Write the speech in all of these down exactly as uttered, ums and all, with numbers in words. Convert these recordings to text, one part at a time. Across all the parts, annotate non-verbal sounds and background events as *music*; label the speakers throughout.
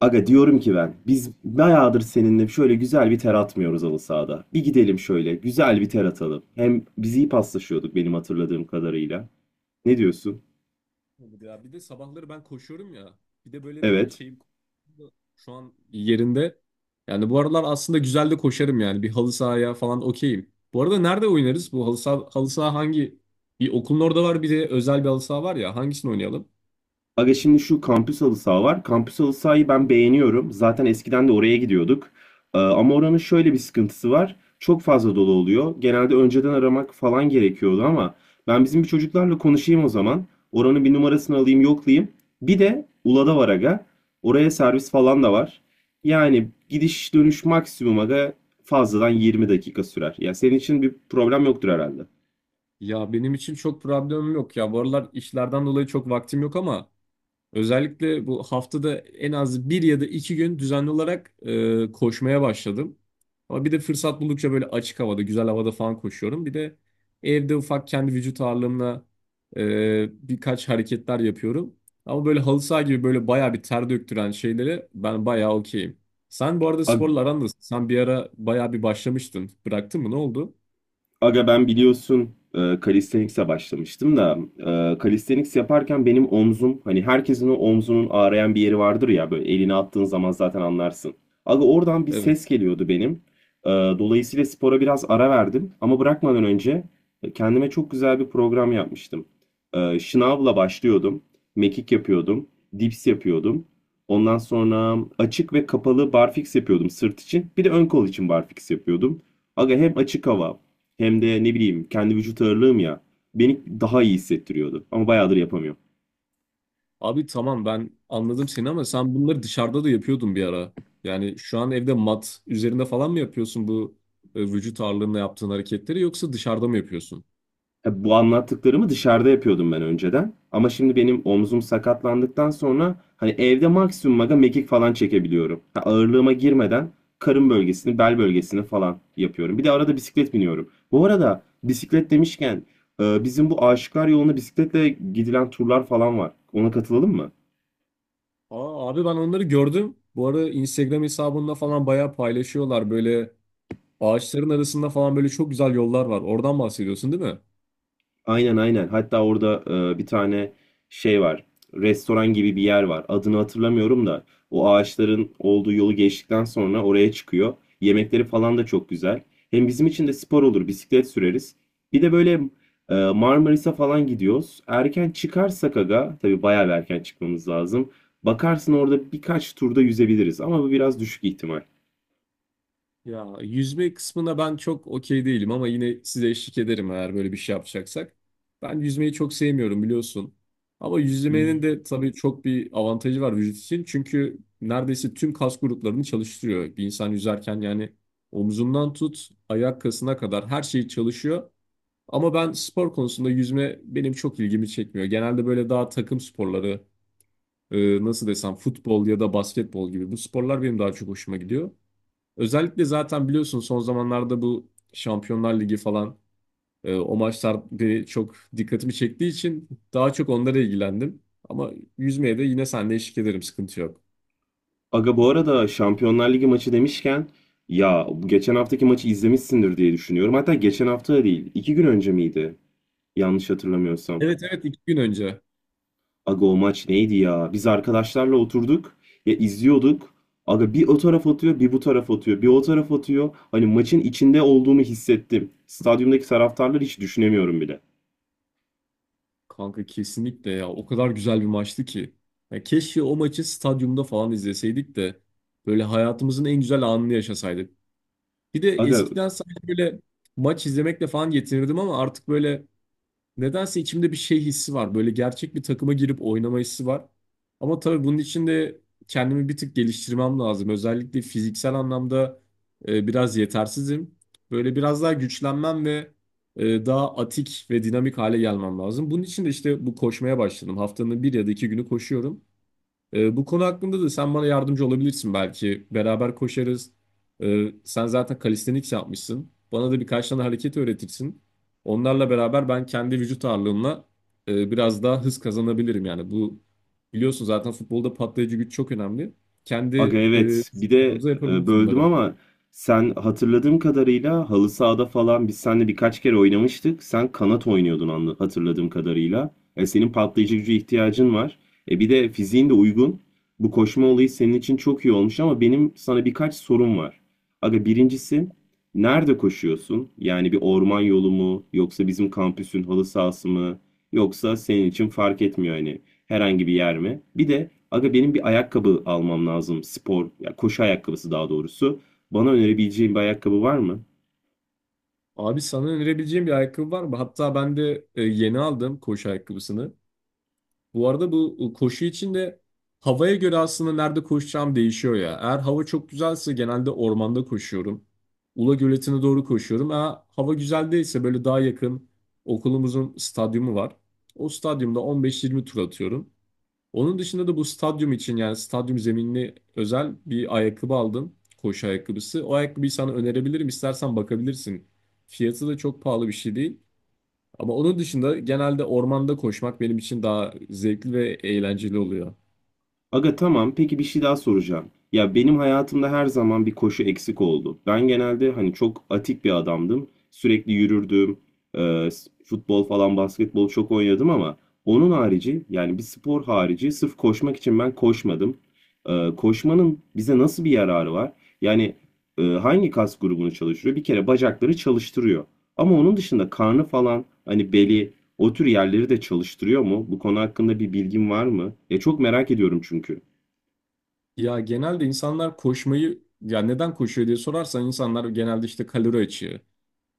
Speaker 1: Aga diyorum ki ben biz bayağıdır seninle şöyle güzel bir ter atmıyoruz halı sahada. Bir gidelim şöyle güzel bir ter atalım. Hem biz iyi paslaşıyorduk benim hatırladığım kadarıyla. Ne diyorsun?
Speaker 2: Olur ya. Bir de sabahları ben koşuyorum ya. Bir de böyle bir
Speaker 1: Evet.
Speaker 2: şeyim şu an yerinde. Yani bu aralar aslında güzel de koşarım yani. Bir halı sahaya falan okeyim. Bu arada nerede oynarız? Bu halı saha, halı saha hangi? Bir okulun orada var, bir de özel bir halı saha var ya. Hangisini oynayalım?
Speaker 1: Aga şimdi şu kampüs halı saha var. Kampüs halı sahayı ben beğeniyorum. Zaten eskiden de oraya gidiyorduk. Ee, ama oranın şöyle bir sıkıntısı var. Çok fazla dolu oluyor. Genelde önceden aramak falan gerekiyordu ama ben bizim bir çocuklarla konuşayım o zaman. Oranın bir numarasını alayım, yoklayayım. Bir de Ula'da var aga. Oraya servis falan da var. Yani gidiş dönüş maksimum aga fazladan yirmi dakika sürer. Ya senin için bir problem yoktur herhalde.
Speaker 2: Ya benim için çok problemim yok ya. Bu aralar işlerden dolayı çok vaktim yok ama özellikle bu haftada en az bir ya da iki gün düzenli olarak e, koşmaya başladım. Ama bir de fırsat buldukça böyle açık havada, güzel havada falan koşuyorum. Bir de evde ufak kendi vücut ağırlığımla e, birkaç hareketler yapıyorum. Ama böyle halı saha gibi böyle bayağı bir ter döktüren şeylere ben bayağı okeyim. Sen bu arada sporla aran nasıl? Sen bir ara bayağı bir başlamıştın. Bıraktın mı? Ne oldu?
Speaker 1: Aga ben biliyorsun e, calisthenics'e başlamıştım da e, calisthenics yaparken benim omzum hani herkesin o omzunun ağrıyan bir yeri vardır ya böyle elini attığın zaman zaten anlarsın. Aga oradan bir ses
Speaker 2: Evet.
Speaker 1: geliyordu benim. E, dolayısıyla spora biraz ara verdim ama bırakmadan önce kendime çok güzel bir program yapmıştım. E, şınavla başlıyordum. Mekik yapıyordum. Dips yapıyordum. Ondan sonra açık ve kapalı barfiks yapıyordum sırt için. Bir de ön kol için barfiks yapıyordum. Aga hem açık hava hem de ne bileyim kendi vücut ağırlığım ya beni daha iyi hissettiriyordu. Ama bayağıdır yapamıyorum.
Speaker 2: Abi tamam, ben anladım seni ama sen bunları dışarıda da yapıyordun bir ara. Yani şu an evde mat üzerinde falan mı yapıyorsun bu e, vücut ağırlığında yaptığın hareketleri, yoksa dışarıda mı yapıyorsun?
Speaker 1: Ya bu anlattıklarımı dışarıda yapıyordum ben önceden. Ama şimdi benim omzum sakatlandıktan sonra hani evde maksimum aga mekik falan çekebiliyorum. Ha, ağırlığıma girmeden karın bölgesini, bel bölgesini falan yapıyorum. Bir de arada bisiklet biniyorum. Bu arada bisiklet demişken e, bizim bu Aşıklar Yolu'na bisikletle gidilen turlar falan var. Ona katılalım mı?
Speaker 2: Aa, abi ben onları gördüm. Bu ara Instagram hesabında falan bayağı paylaşıyorlar. Böyle ağaçların arasında falan böyle çok güzel yollar var. Oradan bahsediyorsun, değil mi?
Speaker 1: Aynen aynen. Hatta orada e, bir tane şey var. Restoran gibi bir yer var. Adını hatırlamıyorum da o ağaçların olduğu yolu geçtikten sonra oraya çıkıyor. Yemekleri falan da çok güzel. Hem bizim için de spor olur. Bisiklet süreriz. Bir de böyle e, Marmaris'e falan gidiyoruz. Erken çıkarsak aga, tabii bayağı bir erken çıkmamız lazım. Bakarsın orada birkaç turda yüzebiliriz ama bu biraz düşük ihtimal.
Speaker 2: Ya yüzme kısmına ben çok okey değilim ama yine size eşlik ederim eğer böyle bir şey yapacaksak. Ben yüzmeyi çok sevmiyorum biliyorsun. Ama yüzmenin de tabii çok bir avantajı var vücut için. Çünkü neredeyse tüm kas gruplarını çalıştırıyor. Bir insan yüzerken yani omzundan tut ayak kasına kadar her şey çalışıyor. Ama ben spor konusunda yüzme benim çok ilgimi çekmiyor. Genelde böyle daha takım sporları, e, nasıl desem, futbol ya da basketbol gibi bu sporlar benim daha çok hoşuma gidiyor. Özellikle zaten biliyorsun, son zamanlarda bu Şampiyonlar Ligi falan, e, o maçlar beni çok dikkatimi çektiği için daha çok onlara ilgilendim. Ama yüzmeye de yine seninle eşlik ederim, sıkıntı yok.
Speaker 1: Aga bu arada Şampiyonlar Ligi maçı demişken ya bu geçen haftaki maçı izlemişsindir diye düşünüyorum. Hatta geçen hafta da değil, iki gün önce miydi? Yanlış hatırlamıyorsam.
Speaker 2: Evet evet, iki gün önce.
Speaker 1: Aga o maç neydi ya? Biz arkadaşlarla oturduk ya izliyorduk. Aga bir o taraf atıyor, bir bu taraf atıyor, bir o taraf atıyor. Hani maçın içinde olduğumu hissettim. Stadyumdaki taraftarları hiç düşünemiyorum bile.
Speaker 2: Kanka kesinlikle ya, o kadar güzel bir maçtı ki. Ya keşke o maçı stadyumda falan izleseydik de böyle hayatımızın en güzel anını yaşasaydık. Bir de
Speaker 1: Aga
Speaker 2: eskiden sadece böyle maç izlemekle falan yetinirdim ama artık böyle, nedense içimde bir şey hissi var. Böyle gerçek bir takıma girip oynama hissi var. Ama tabii bunun için de kendimi bir tık geliştirmem lazım. Özellikle fiziksel anlamda e, biraz yetersizim. Böyle biraz daha güçlenmem ve e, daha atik ve dinamik hale gelmem lazım. Bunun için de işte bu koşmaya başladım. Haftanın bir ya da iki günü koşuyorum. Ee, bu konu hakkında da sen bana yardımcı olabilirsin belki. Beraber koşarız. Ee, sen zaten calisthenics yapmışsın. Bana da birkaç tane hareket öğretirsin. Onlarla beraber ben kendi vücut ağırlığımla e, biraz daha hız kazanabilirim. Yani bu, biliyorsun zaten futbolda patlayıcı güç çok önemli. Kendi
Speaker 1: Aga
Speaker 2: e,
Speaker 1: evet bir
Speaker 2: vücut
Speaker 1: de
Speaker 2: ağırlığımıza
Speaker 1: e,
Speaker 2: yapabiliriz
Speaker 1: böldüm
Speaker 2: bunları.
Speaker 1: ama sen hatırladığım kadarıyla halı sahada falan biz seninle birkaç kere oynamıştık. Sen kanat oynuyordun anla- hatırladığım kadarıyla. E, senin patlayıcı gücü ihtiyacın var. E, bir de fiziğin de uygun. Bu koşma olayı senin için çok iyi olmuş ama benim sana birkaç sorum var. Aga birincisi nerede koşuyorsun? Yani bir orman yolu mu yoksa bizim kampüsün halı sahası mı? Yoksa senin için fark etmiyor hani herhangi bir yer mi? Bir de aga benim bir ayakkabı almam lazım. Spor, ya koşu ayakkabısı daha doğrusu. Bana önerebileceğin bir ayakkabı var mı?
Speaker 2: Abi, sana önerebileceğim bir ayakkabı var mı? Hatta ben de e, yeni aldım koşu ayakkabısını. Bu arada bu koşu için de havaya göre aslında nerede koşacağım değişiyor ya. Eğer hava çok güzelse genelde ormanda koşuyorum. Ula Göleti'ne doğru koşuyorum. Eğer hava güzel değilse böyle daha yakın okulumuzun stadyumu var. O stadyumda on beş yirmi tur atıyorum. Onun dışında da bu stadyum için yani stadyum zeminli özel bir ayakkabı aldım. Koşu ayakkabısı. O ayakkabıyı sana önerebilirim. İstersen bakabilirsin. Fiyatı da çok pahalı bir şey değil. Ama onun dışında genelde ormanda koşmak benim için daha zevkli ve eğlenceli oluyor.
Speaker 1: Aga tamam. Peki bir şey daha soracağım. Ya benim hayatımda her zaman bir koşu eksik oldu. Ben genelde hani çok atik bir adamdım. Sürekli yürürdüm. Ee, s- futbol falan basketbol çok oynadım ama onun harici yani bir spor harici sırf koşmak için ben koşmadım. Ee, koşmanın bize nasıl bir yararı var? Yani e, hangi kas grubunu çalıştırıyor? Bir kere bacakları çalıştırıyor. Ama onun dışında karnı falan hani beli o tür yerleri de çalıştırıyor mu? Bu konu hakkında bir bilgin var mı? Ya çok merak ediyorum çünkü.
Speaker 2: Ya genelde insanlar koşmayı, ya neden koşuyor diye sorarsan, insanlar genelde işte kalori açığı,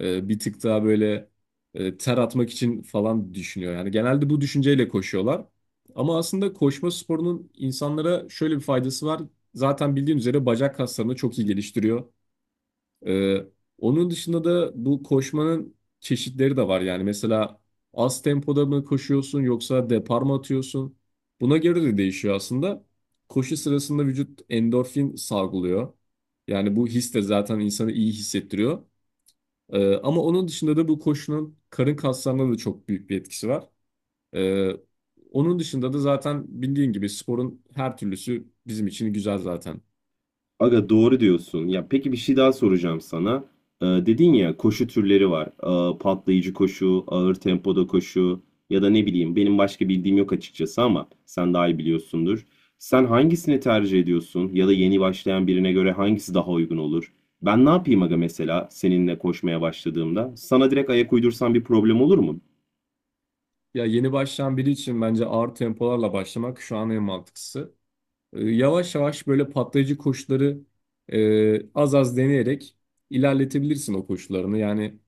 Speaker 2: e, bir tık daha böyle e, ter atmak için falan düşünüyor. Yani genelde bu düşünceyle koşuyorlar. Ama aslında koşma sporunun insanlara şöyle bir faydası var. Zaten bildiğin üzere bacak kaslarını çok iyi geliştiriyor. Ee, Onun dışında da bu koşmanın çeşitleri de var. Yani mesela az tempoda mı koşuyorsun, yoksa depar mı atıyorsun? Buna göre de değişiyor aslında. Koşu sırasında vücut endorfin salgılıyor. Yani bu his de zaten insanı iyi hissettiriyor. Ee, ama onun dışında da bu koşunun karın kaslarına da çok büyük bir etkisi var. Ee, Onun dışında da zaten bildiğin gibi sporun her türlüsü bizim için güzel zaten.
Speaker 1: Aga doğru diyorsun. Ya peki bir şey daha soracağım sana. Ee, dedin ya koşu türleri var. Ee, patlayıcı koşu, ağır tempoda koşu ya da ne bileyim benim başka bildiğim yok açıkçası ama sen daha iyi biliyorsundur. Sen hangisini tercih ediyorsun ya da yeni başlayan birine göre hangisi daha uygun olur? Ben ne yapayım aga mesela seninle koşmaya başladığımda? Sana direkt ayak uydursam bir problem olur mu?
Speaker 2: Ya yeni başlayan biri için bence ağır tempolarla başlamak şu an en mantıklısı. E, Yavaş yavaş böyle patlayıcı koşuları e, az az deneyerek ilerletebilirsin o koşularını. Yani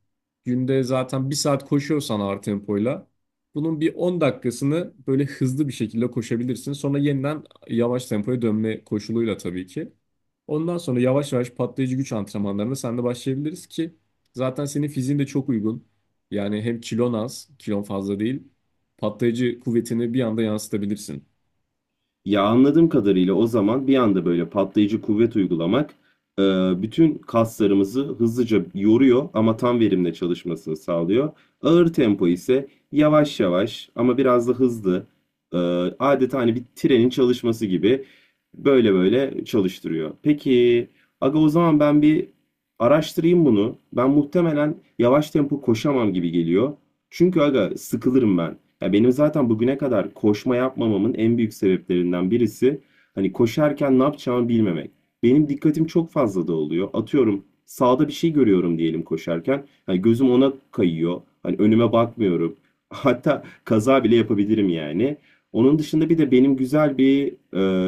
Speaker 2: günde zaten bir saat koşuyorsan ağır tempoyla bunun bir on dakikasını böyle hızlı bir şekilde koşabilirsin. Sonra yeniden yavaş tempoya dönme koşuluyla tabii ki. Ondan sonra yavaş yavaş patlayıcı güç antrenmanlarına sen de başlayabiliriz ki zaten senin fiziğin de çok uygun. Yani hem kilon az, kilon fazla değil. Patlayıcı kuvvetini bir anda yansıtabilirsin.
Speaker 1: Ya anladığım kadarıyla o zaman bir anda böyle patlayıcı kuvvet uygulamak e, bütün kaslarımızı hızlıca yoruyor ama tam verimle çalışmasını sağlıyor. Ağır tempo ise yavaş yavaş ama biraz da hızlı e, adeta hani bir trenin çalışması gibi böyle böyle çalıştırıyor. Peki aga o zaman ben bir araştırayım bunu. Ben muhtemelen yavaş tempo koşamam gibi geliyor. Çünkü aga sıkılırım ben. Ya benim zaten bugüne kadar koşma yapmamamın en büyük sebeplerinden birisi hani koşarken ne yapacağımı bilmemek. Benim dikkatim çok fazla dağılıyor. Atıyorum sağda bir şey görüyorum diyelim koşarken. Hani gözüm ona kayıyor. Hani önüme bakmıyorum. *laughs* Hatta kaza bile yapabilirim yani. Onun dışında bir de benim güzel bir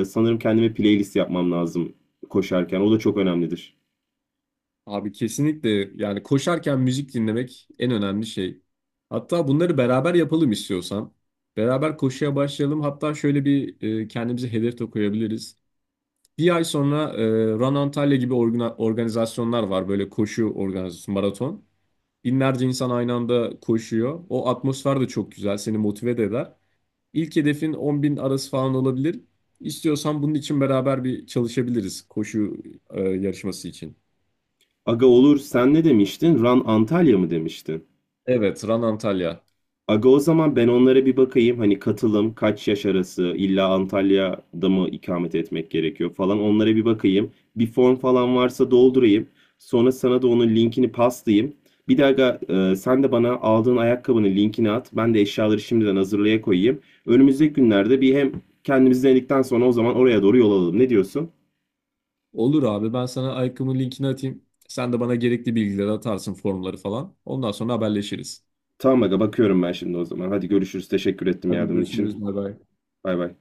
Speaker 1: e, sanırım kendime playlist yapmam lazım koşarken. O da çok önemlidir.
Speaker 2: Abi kesinlikle, yani koşarken müzik dinlemek en önemli şey. Hatta bunları beraber yapalım istiyorsan. Beraber koşuya başlayalım. Hatta şöyle bir e, kendimize hedef de koyabiliriz. Bir ay sonra e, Run Antalya gibi organa- organizasyonlar var. Böyle koşu organizasyonu, maraton. Binlerce insan aynı anda koşuyor. O atmosfer de çok güzel. Seni motive de eder. İlk hedefin on bin arası falan olabilir. İstiyorsan bunun için beraber bir çalışabiliriz koşu e, yarışması için.
Speaker 1: Aga olur sen ne demiştin? Run Antalya mı demiştin?
Speaker 2: Evet, Run Antalya.
Speaker 1: Aga o zaman ben onlara bir bakayım. Hani katılım, kaç yaş arası, illa Antalya'da mı ikamet etmek gerekiyor falan. Onlara bir bakayım. Bir form falan varsa doldurayım. Sonra sana da onun linkini paslayayım. Bir de aga e, sen de bana aldığın ayakkabının linkini at. Ben de eşyaları şimdiden hazırlaya koyayım. Önümüzdeki günlerde bir hem kendimiz denedikten sonra o zaman oraya doğru yol alalım. Ne diyorsun?
Speaker 2: Olur abi, ben sana Aykım'ın linkini atayım. Sen de bana gerekli bilgileri atarsın, formları falan. Ondan sonra haberleşiriz.
Speaker 1: Tamam aga bakıyorum ben şimdi o zaman. Hadi görüşürüz. Teşekkür ettim
Speaker 2: Hadi
Speaker 1: yardımın
Speaker 2: görüşürüz.
Speaker 1: için.
Speaker 2: Bay bay.
Speaker 1: Bay bay.